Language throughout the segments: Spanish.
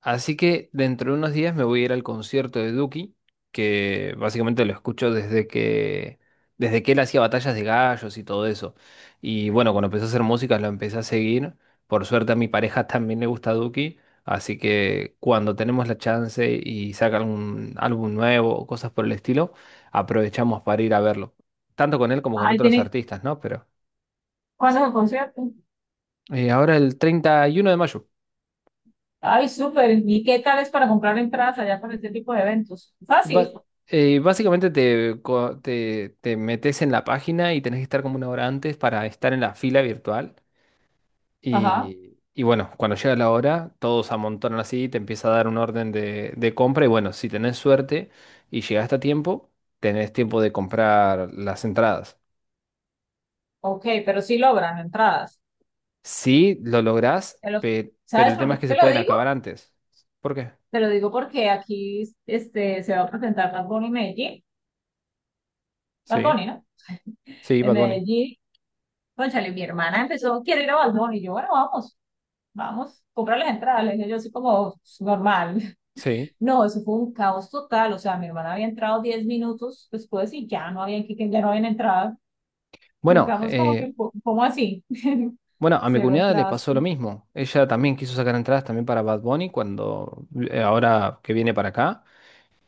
Así que dentro de unos días me voy a ir al concierto de Duki, que básicamente lo escucho desde que él hacía batallas de gallos y todo eso. Y bueno, cuando empecé a hacer música lo empecé a seguir. Por suerte a mi pareja también le gusta Duki, así que cuando tenemos la chance y saca algún álbum nuevo o cosas por el estilo, aprovechamos para ir a verlo. Tanto con él como con Ay, otros ¿tiene artistas, ¿no? Pero cuándo es el concierto? Ahora el 31 de mayo. Ay, súper. ¿Y qué tal es para comprar entradas allá para este tipo de eventos? Ba- Fácil. Básicamente te metes en la página y tenés que estar como una hora antes para estar en la fila virtual. Ajá. Y bueno, cuando llega la hora, todos amontonan así, te empieza a dar un orden de compra. Y bueno, si tenés suerte y llegaste a tiempo, tenés tiempo de comprar las entradas. Ok, pero sí logran entradas. Sí, lo lográs, Te lo- pero ¿Sabes el por tema qué es que te se lo pueden digo? acabar antes. ¿Por qué? Te lo digo porque aquí este, se va a presentar Bad Bunny en Medellín. Bad Sí, Bunny, ¿no? sí, En Bad Bunny. Medellín. Cónchale, mi hermana empezó, quiere ir a Bad Bunny. Y yo, bueno, vamos, vamos, comprar las entradas. Le dije yo así como normal. Sí. No, eso fue un caos total. O sea, mi hermana había entrado 10 minutos después y ya no habían entrado. Bueno, Buscamos como eh, que, ¿cómo así? Bueno, a mi Cero cuñada le atrás. pasó lo mismo. Ella también quiso sacar entradas también para Bad Bunny cuando ahora que viene para acá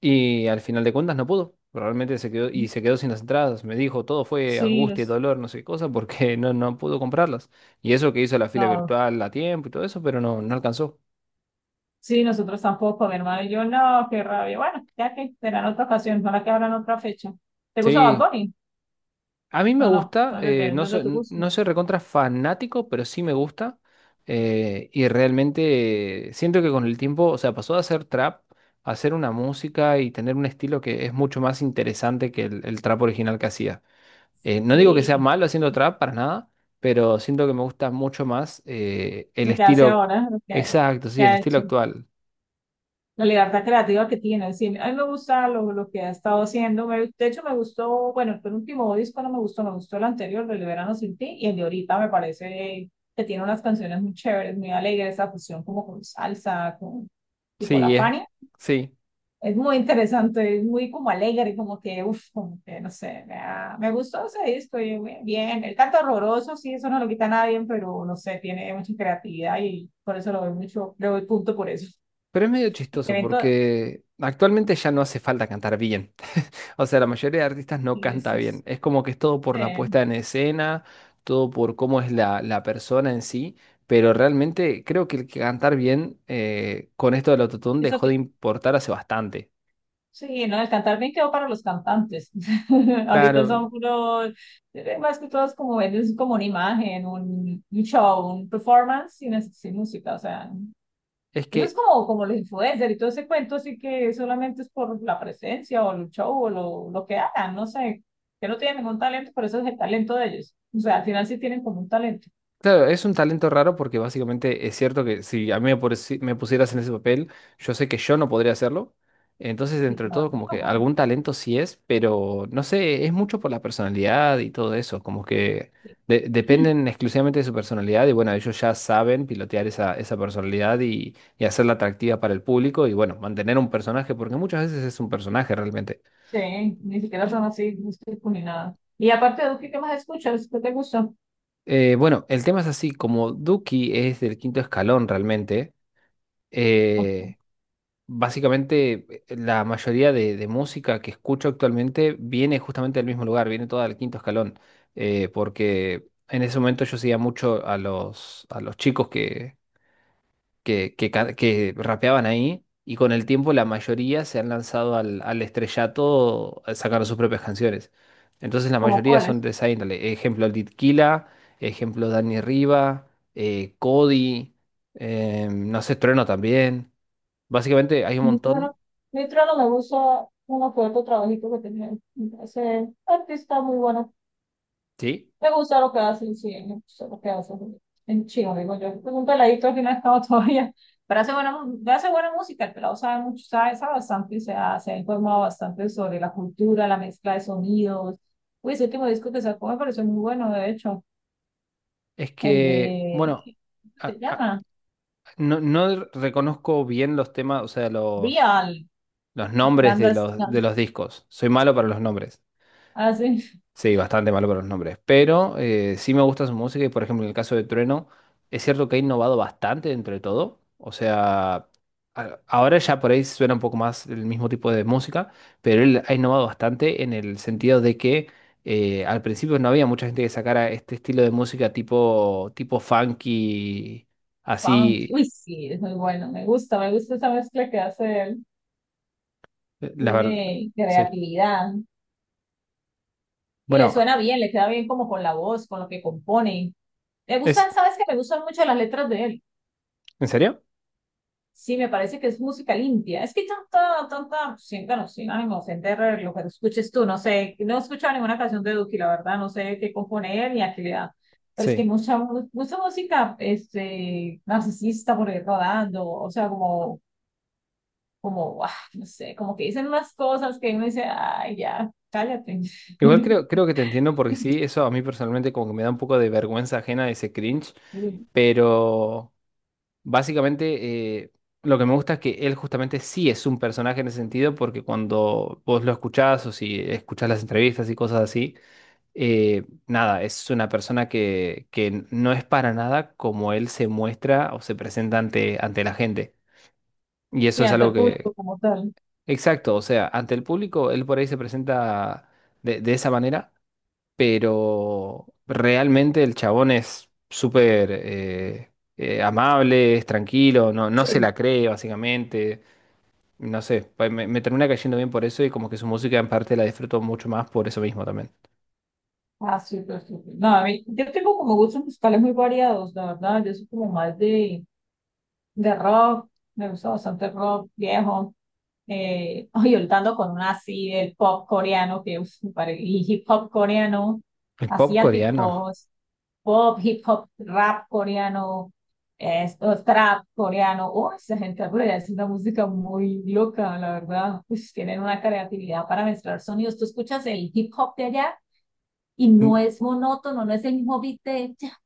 y al final de cuentas no pudo. Realmente se quedó y se quedó sin las entradas. Me dijo, todo fue Sí, angustia y los- dolor, no sé qué cosa, porque no, no pudo comprarlas. Y eso que hizo la fila no. virtual a tiempo y todo eso, pero no, no alcanzó. Sí, nosotros tampoco, mi hermano y yo, no, qué rabia. Bueno, ya que será en otra ocasión, para que habrá en otra fecha. ¿Te gusta Bad Sí, Bunny? a mí me No, no, gusta, no es de tu gusto. no soy recontra fanático, pero sí me gusta. Y realmente siento que con el tiempo, o sea, pasó de hacer trap a hacer una música y tener un estilo que es mucho más interesante que el trap original que hacía. No digo que sea Sí, malo haciendo trap para nada, pero siento que me gusta mucho más el lo que hace estilo ahora, exacto, que sí, el ha estilo hecho. actual. La libertad creativa que tiene. Sí, a mí me gusta lo que ha estado haciendo. De hecho, me gustó, bueno, el último disco no me gustó, me gustó el anterior, el de Verano Sin Ti, y el de ahorita me parece que tiene unas canciones muy chéveres, muy alegres, esa fusión como con salsa, con tipo la Sí, es, Fania. sí. Es muy interesante, es muy como alegre, como que, no sé, me gustó ese disco, y yo, bien, bien. El canto horroroso, sí, eso no lo quita a nadie, pero no sé, tiene mucha creatividad y por eso lo doy mucho, le doy punto por eso. Pero es medio El chistoso evento. porque actualmente ya no hace falta cantar bien. O sea, la mayoría de artistas no canta bien. Es como que es todo por la Sí, puesta en escena, todo por cómo es la persona en sí. Pero realmente creo que el que cantar bien con esto del autotune eso dejó que, de importar hace bastante. sí, no, el cantar bien quedó para los cantantes. Ahorita Claro, son puros, más que todos como es como una imagen, un show, un performance sin música, o sea, es eso que es como los influencers y todo ese cuento, así que solamente es por la presencia o el show o lo que hagan, no sé, que no tienen ningún talento, pero eso es el talento de ellos. O sea, al final sí tienen como un talento. claro, es un talento raro porque básicamente es cierto que si a mí me pusieras en ese papel, yo sé que yo no podría hacerlo. Entonces, Sí, entre claro todo, yo como que tampoco. algún talento sí es, pero no sé, es mucho por la personalidad y todo eso, como que Sí, dependen exclusivamente de su personalidad y bueno, ellos ya saben pilotear esa personalidad y hacerla atractiva para el público y bueno, mantener un personaje, porque muchas veces es un personaje realmente. sí, ni siquiera son así músicos ni nada. Y aparte de Duque, ¿qué más escuchas? ¿Qué te gusta? Bueno, el tema es así, como Duki es del quinto escalón realmente. Ok. Eh, básicamente, la mayoría de música que escucho actualmente viene justamente del mismo lugar, viene toda del Quinto Escalón, porque en ese momento yo seguía mucho a a los chicos que rapeaban ahí, y con el tiempo la mayoría se han lanzado al estrellato sacando sus propias canciones. Entonces la ¿Como mayoría son cuáles? de esa índole. Ejemplo Killa, ejemplo Dani Riva, Cody, em, no sé, Trueno también. Básicamente hay un montón. Neutrono, Neutrono me gusta uno que otro trabajito que tiene. Ese artista muy bueno. Sí, Me gusta lo que hace, sí, me gusta lo que hace. En chino, digo yo. Es un peladito que no ha estado todavía. Pero hace buena música, el pelado sabe mucho, sabe bastante, se ha informado bastante sobre la cultura, la mezcla de sonidos. Uy, ese último disco que sacó me pareció muy bueno, de hecho. es El que, de, bueno, ¿cómo se a- llama? no, no reconozco bien los temas, o sea, Real. los nombres de Gandas. De los discos. Soy malo para los nombres. Hace Sí, bastante malo con los nombres, pero sí me gusta su música y por ejemplo en el caso de Trueno, es cierto que ha innovado bastante dentro de todo, o sea, ahora ya por ahí suena un poco más el mismo tipo de música, pero él ha innovado bastante en el sentido de que al principio no había mucha gente que sacara este estilo de música tipo funky, funk. así, Uy, sí, es muy bueno. Me gusta esa mezcla que hace él. La verdad, Tiene sí. creatividad. Y le Bueno, suena bien, le queda bien como con la voz, con lo que compone. Me ¿es gustan, sabes que me gustan mucho las letras de él. en serio? Sí, me parece que es música limpia. Es que tanta, tanta, siéntanos, sin ánimo, sin terror, lo que escuches tú, no sé, no he escuchado ninguna canción de Duki, la verdad, no sé qué compone él ni a qué le da. Pero es que Sí. Mucha música, este, narcisista por ahí rodando, o sea, como, guau, no sé, como que dicen unas cosas que uno dice, ay, ya, cállate. Igual creo que te entiendo porque sí, eso a mí personalmente como que me da un poco de vergüenza ajena ese cringe, pero básicamente lo que me gusta es que él justamente sí es un personaje en ese sentido porque cuando vos lo escuchás o si escuchás las entrevistas y cosas así, nada, es una persona que no es para nada como él se muestra o se presenta ante la gente. Y Sí, eso es ante algo el que, público como tal. exacto, o sea, ante el público él por ahí se presenta de esa manera pero realmente el chabón es súper amable, es tranquilo, no, no se Sí. la cree básicamente, no sé, me termina cayendo bien por eso y como que su música en parte la disfruto mucho más por eso mismo también. Ah, súper, súper. No, a mí, yo tengo como gustos musicales muy variados, la verdad. Yo soy como más de rock, me gusta bastante rock viejo. Oye, ahorita ando con una así del pop coreano, que uf, y hip hop coreano, El pop coreano, asiáticos, pop, hip hop, rap coreano, esto, trap coreano. Uy, esa gente rueda, es una música muy loca, la verdad. Pues tienen una creatividad para mezclar sonidos. ¿Tú escuchas el hip hop de allá? Y no mm, es monótono, no es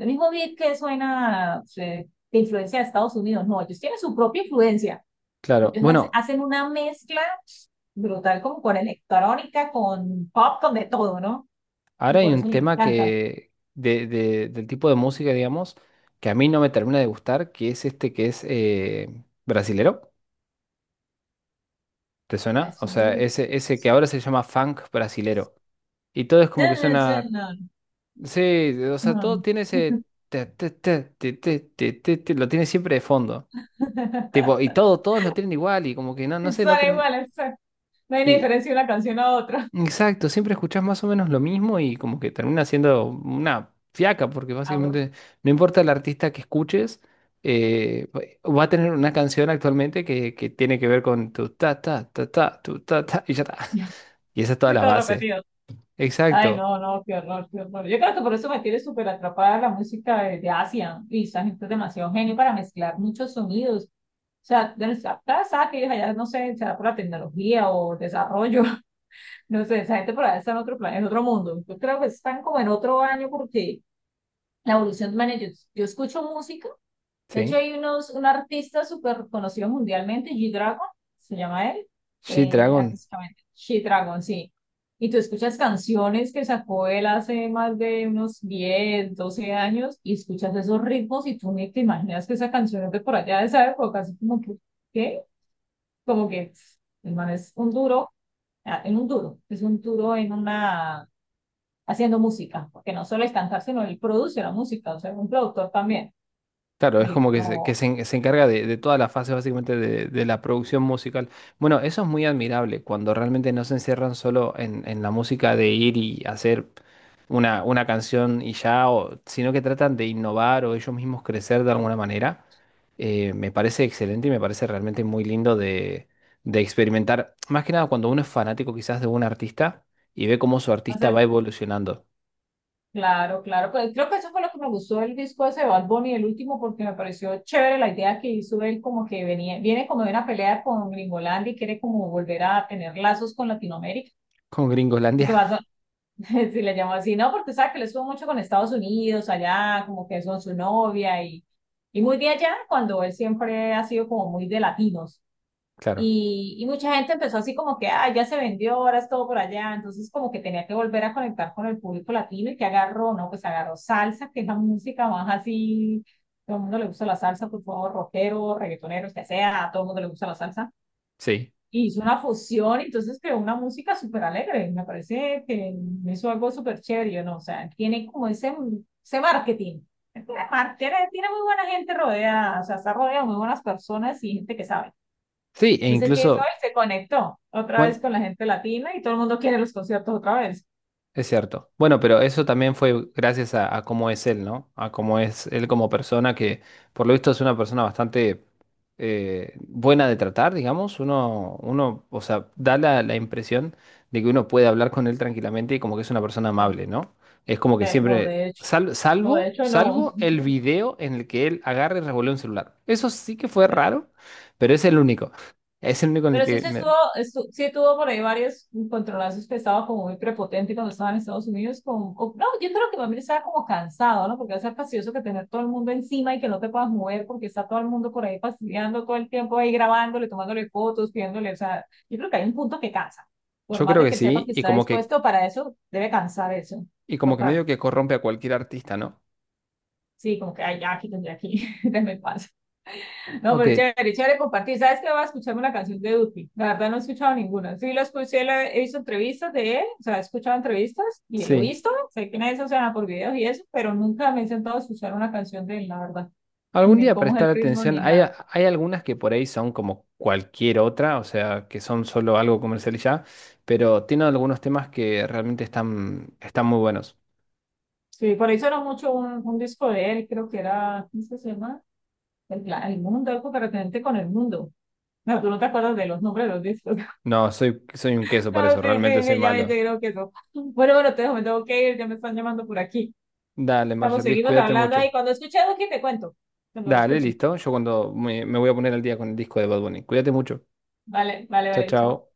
el mismo beat que suena de influencia de Estados Unidos, no, ellos tienen su propia influencia, claro, ellos bueno, hacen una mezcla brutal como con electrónica, con pop, con de todo, ¿no? Y ahora hay por un eso me tema encanta. que del tipo de música, digamos, que a mí no me termina de gustar, que es este que es brasilero. ¿Te suena? O sea, Asumir. Ese que ahora se llama funk brasilero. Y todo es como que suena No, sí, o no, sea, todo no. tiene ese lo tiene siempre de fondo. Tipo, y todo, todos lo tienen igual y como que no, no sé, no Suena term- igual, no hay ni y diferencia de una canción a otra. exacto, siempre escuchás más o menos lo mismo y como que termina siendo una fiaca, porque Aburrido, básicamente no importa el artista que escuches, va a tener una canción actualmente que tiene que ver con tu ta ta ta ta, tu ta ta y ya está. Y esa es toda la todo base. repetido. Ay, Exacto, no, no, qué horror, qué horror. Yo creo que por eso me tiene súper atrapada la música de Asia. Y esa gente es demasiado genio para mezclar muchos sonidos. O sea, de nuestra casa, que ellos allá, no sé, será por la tecnología o desarrollo, no sé, esa gente por allá está en otro plan, en otro mundo. Yo creo que están como en otro año porque la evolución, man, yo, escucho música de hecho, ¿sí? hay un artista súper conocido mundialmente, G-Dragon, se llama él, G-Dragon. artísticamente, G-Dragon, sí. Y tú escuchas canciones que sacó él hace más de unos 10 12 años y escuchas esos ritmos y tú ni te imaginas que esa canción es de por allá de esa época, así como que, ¿qué? Como que pff, el man es un duro, ah, en un duro, es un duro en una, haciendo música, porque no solo es cantar, sino él produce la música, o sea, es un productor también. Claro, es Y como que no. Se encarga de toda la fase básicamente de la producción musical. Bueno, eso es muy admirable, cuando realmente no se encierran solo en la música de ir y hacer una canción y ya, sino que tratan de innovar o ellos mismos crecer de alguna manera. Me parece excelente y me parece realmente muy lindo de experimentar. Más que nada cuando uno es fanático quizás de un artista y ve cómo su artista va evolucionando. Claro, claro, pues creo que eso fue lo que me gustó del disco ese de Bad Bunny, el último, porque me pareció chévere la idea que hizo él, como que viene como de una pelea con Gringolandia y quiere como volver a tener lazos con Latinoamérica. Con Porque Gringolandia, Bad Bunny, si le llamo así, no, porque sabe que le estuvo mucho con Estados Unidos, allá, como que son su novia y, muy de allá, cuando él siempre ha sido como muy de latinos. claro, Y mucha gente empezó así como que, ah, ya se vendió, ahora es todo por allá. Entonces como que tenía que volver a conectar con el público latino y que agarró, ¿no? Pues agarró salsa, que es la música más así, todo el mundo le gusta la salsa, por favor, rockero, reggaetonero, que sea, a todo el mundo le gusta la salsa. sí. Y hizo una fusión, entonces creó una música súper alegre. Me parece que hizo algo súper chévere, yo no, o sea, tiene como ese marketing. Tiene, mar- tiene tiene muy buena gente rodeada, o sea, está rodeado de muy buenas personas y gente que sabe. Sí, e Entonces, ¿qué hizo incluso... él? Se conectó otra vez Bueno, con la gente latina y todo el mundo quiere los conciertos otra vez. es cierto. Bueno, pero eso también fue gracias a cómo es él, ¿no? A cómo es él como persona, que por lo visto es una persona bastante buena de tratar, digamos. O sea, da la impresión de que uno puede hablar con él tranquilamente y como que es una persona No, amable, ¿no? Es como que no, siempre, de hecho, no, de hecho no. salvo el video en el que él agarra y revuelve un celular. Eso sí que fue raro, pero es el único. Es el único en el Pero que me- sí tuvo por ahí varios controlazos que estaba como muy prepotente cuando estaba en Estados Unidos. No, yo creo que también estaba como cansado, ¿no? Porque es fastidioso que tener todo el mundo encima y que no te puedas mover porque está todo el mundo por ahí fastidiando todo el tiempo ahí grabándole, tomándole fotos, pidiéndole. O sea, yo creo que hay un punto que cansa. Por yo más creo de que que él sepa sí, que está dispuesto para eso, debe cansar eso. y como que Total. medio que corrompe a cualquier artista, ¿no? Sí, como que ay, ya aquí tendré aquí, déjame paso. No, Ok, pero chévere, chévere compartir. ¿Sabes qué? Voy a escucharme una canción de Duki. La verdad no he escuchado ninguna. Sí, lo escuché, lo he visto entrevistas de él, o sea, he escuchado entrevistas y lo he sí. visto. Sé quién es, o sea, por videos y eso, pero nunca me he sentado a escuchar una canción de él, la verdad. Algún Ni día cómo es el prestar ritmo atención. ni nada. Hay algunas que por ahí son como cualquier otra, o sea, que son solo algo comercial y ya, pero tienen algunos temas que realmente están, están muy buenos. Sí, por eso era mucho un disco de él, creo que era, ¿cómo se llama? El el mundo, algo que referente con el mundo. No, tú no te acuerdas de los nombres de los discos. No, soy, soy un queso para Ah, eso, sí, sí, realmente soy sí, ya me malo. creo que eso. Bueno, bueno, te dejo, me tengo que ir, ya me están llamando por aquí. Dale, Estamos, Marshall Liz, seguimos cuídate hablando ahí. mucho. Cuando escuche algo, que te cuento. Cuando lo Dale, escuche. listo. Yo cuando me voy a poner al día con el disco de Bad Bunny. Cuídate mucho. Vale, vale, Chao, vale, chao. chao.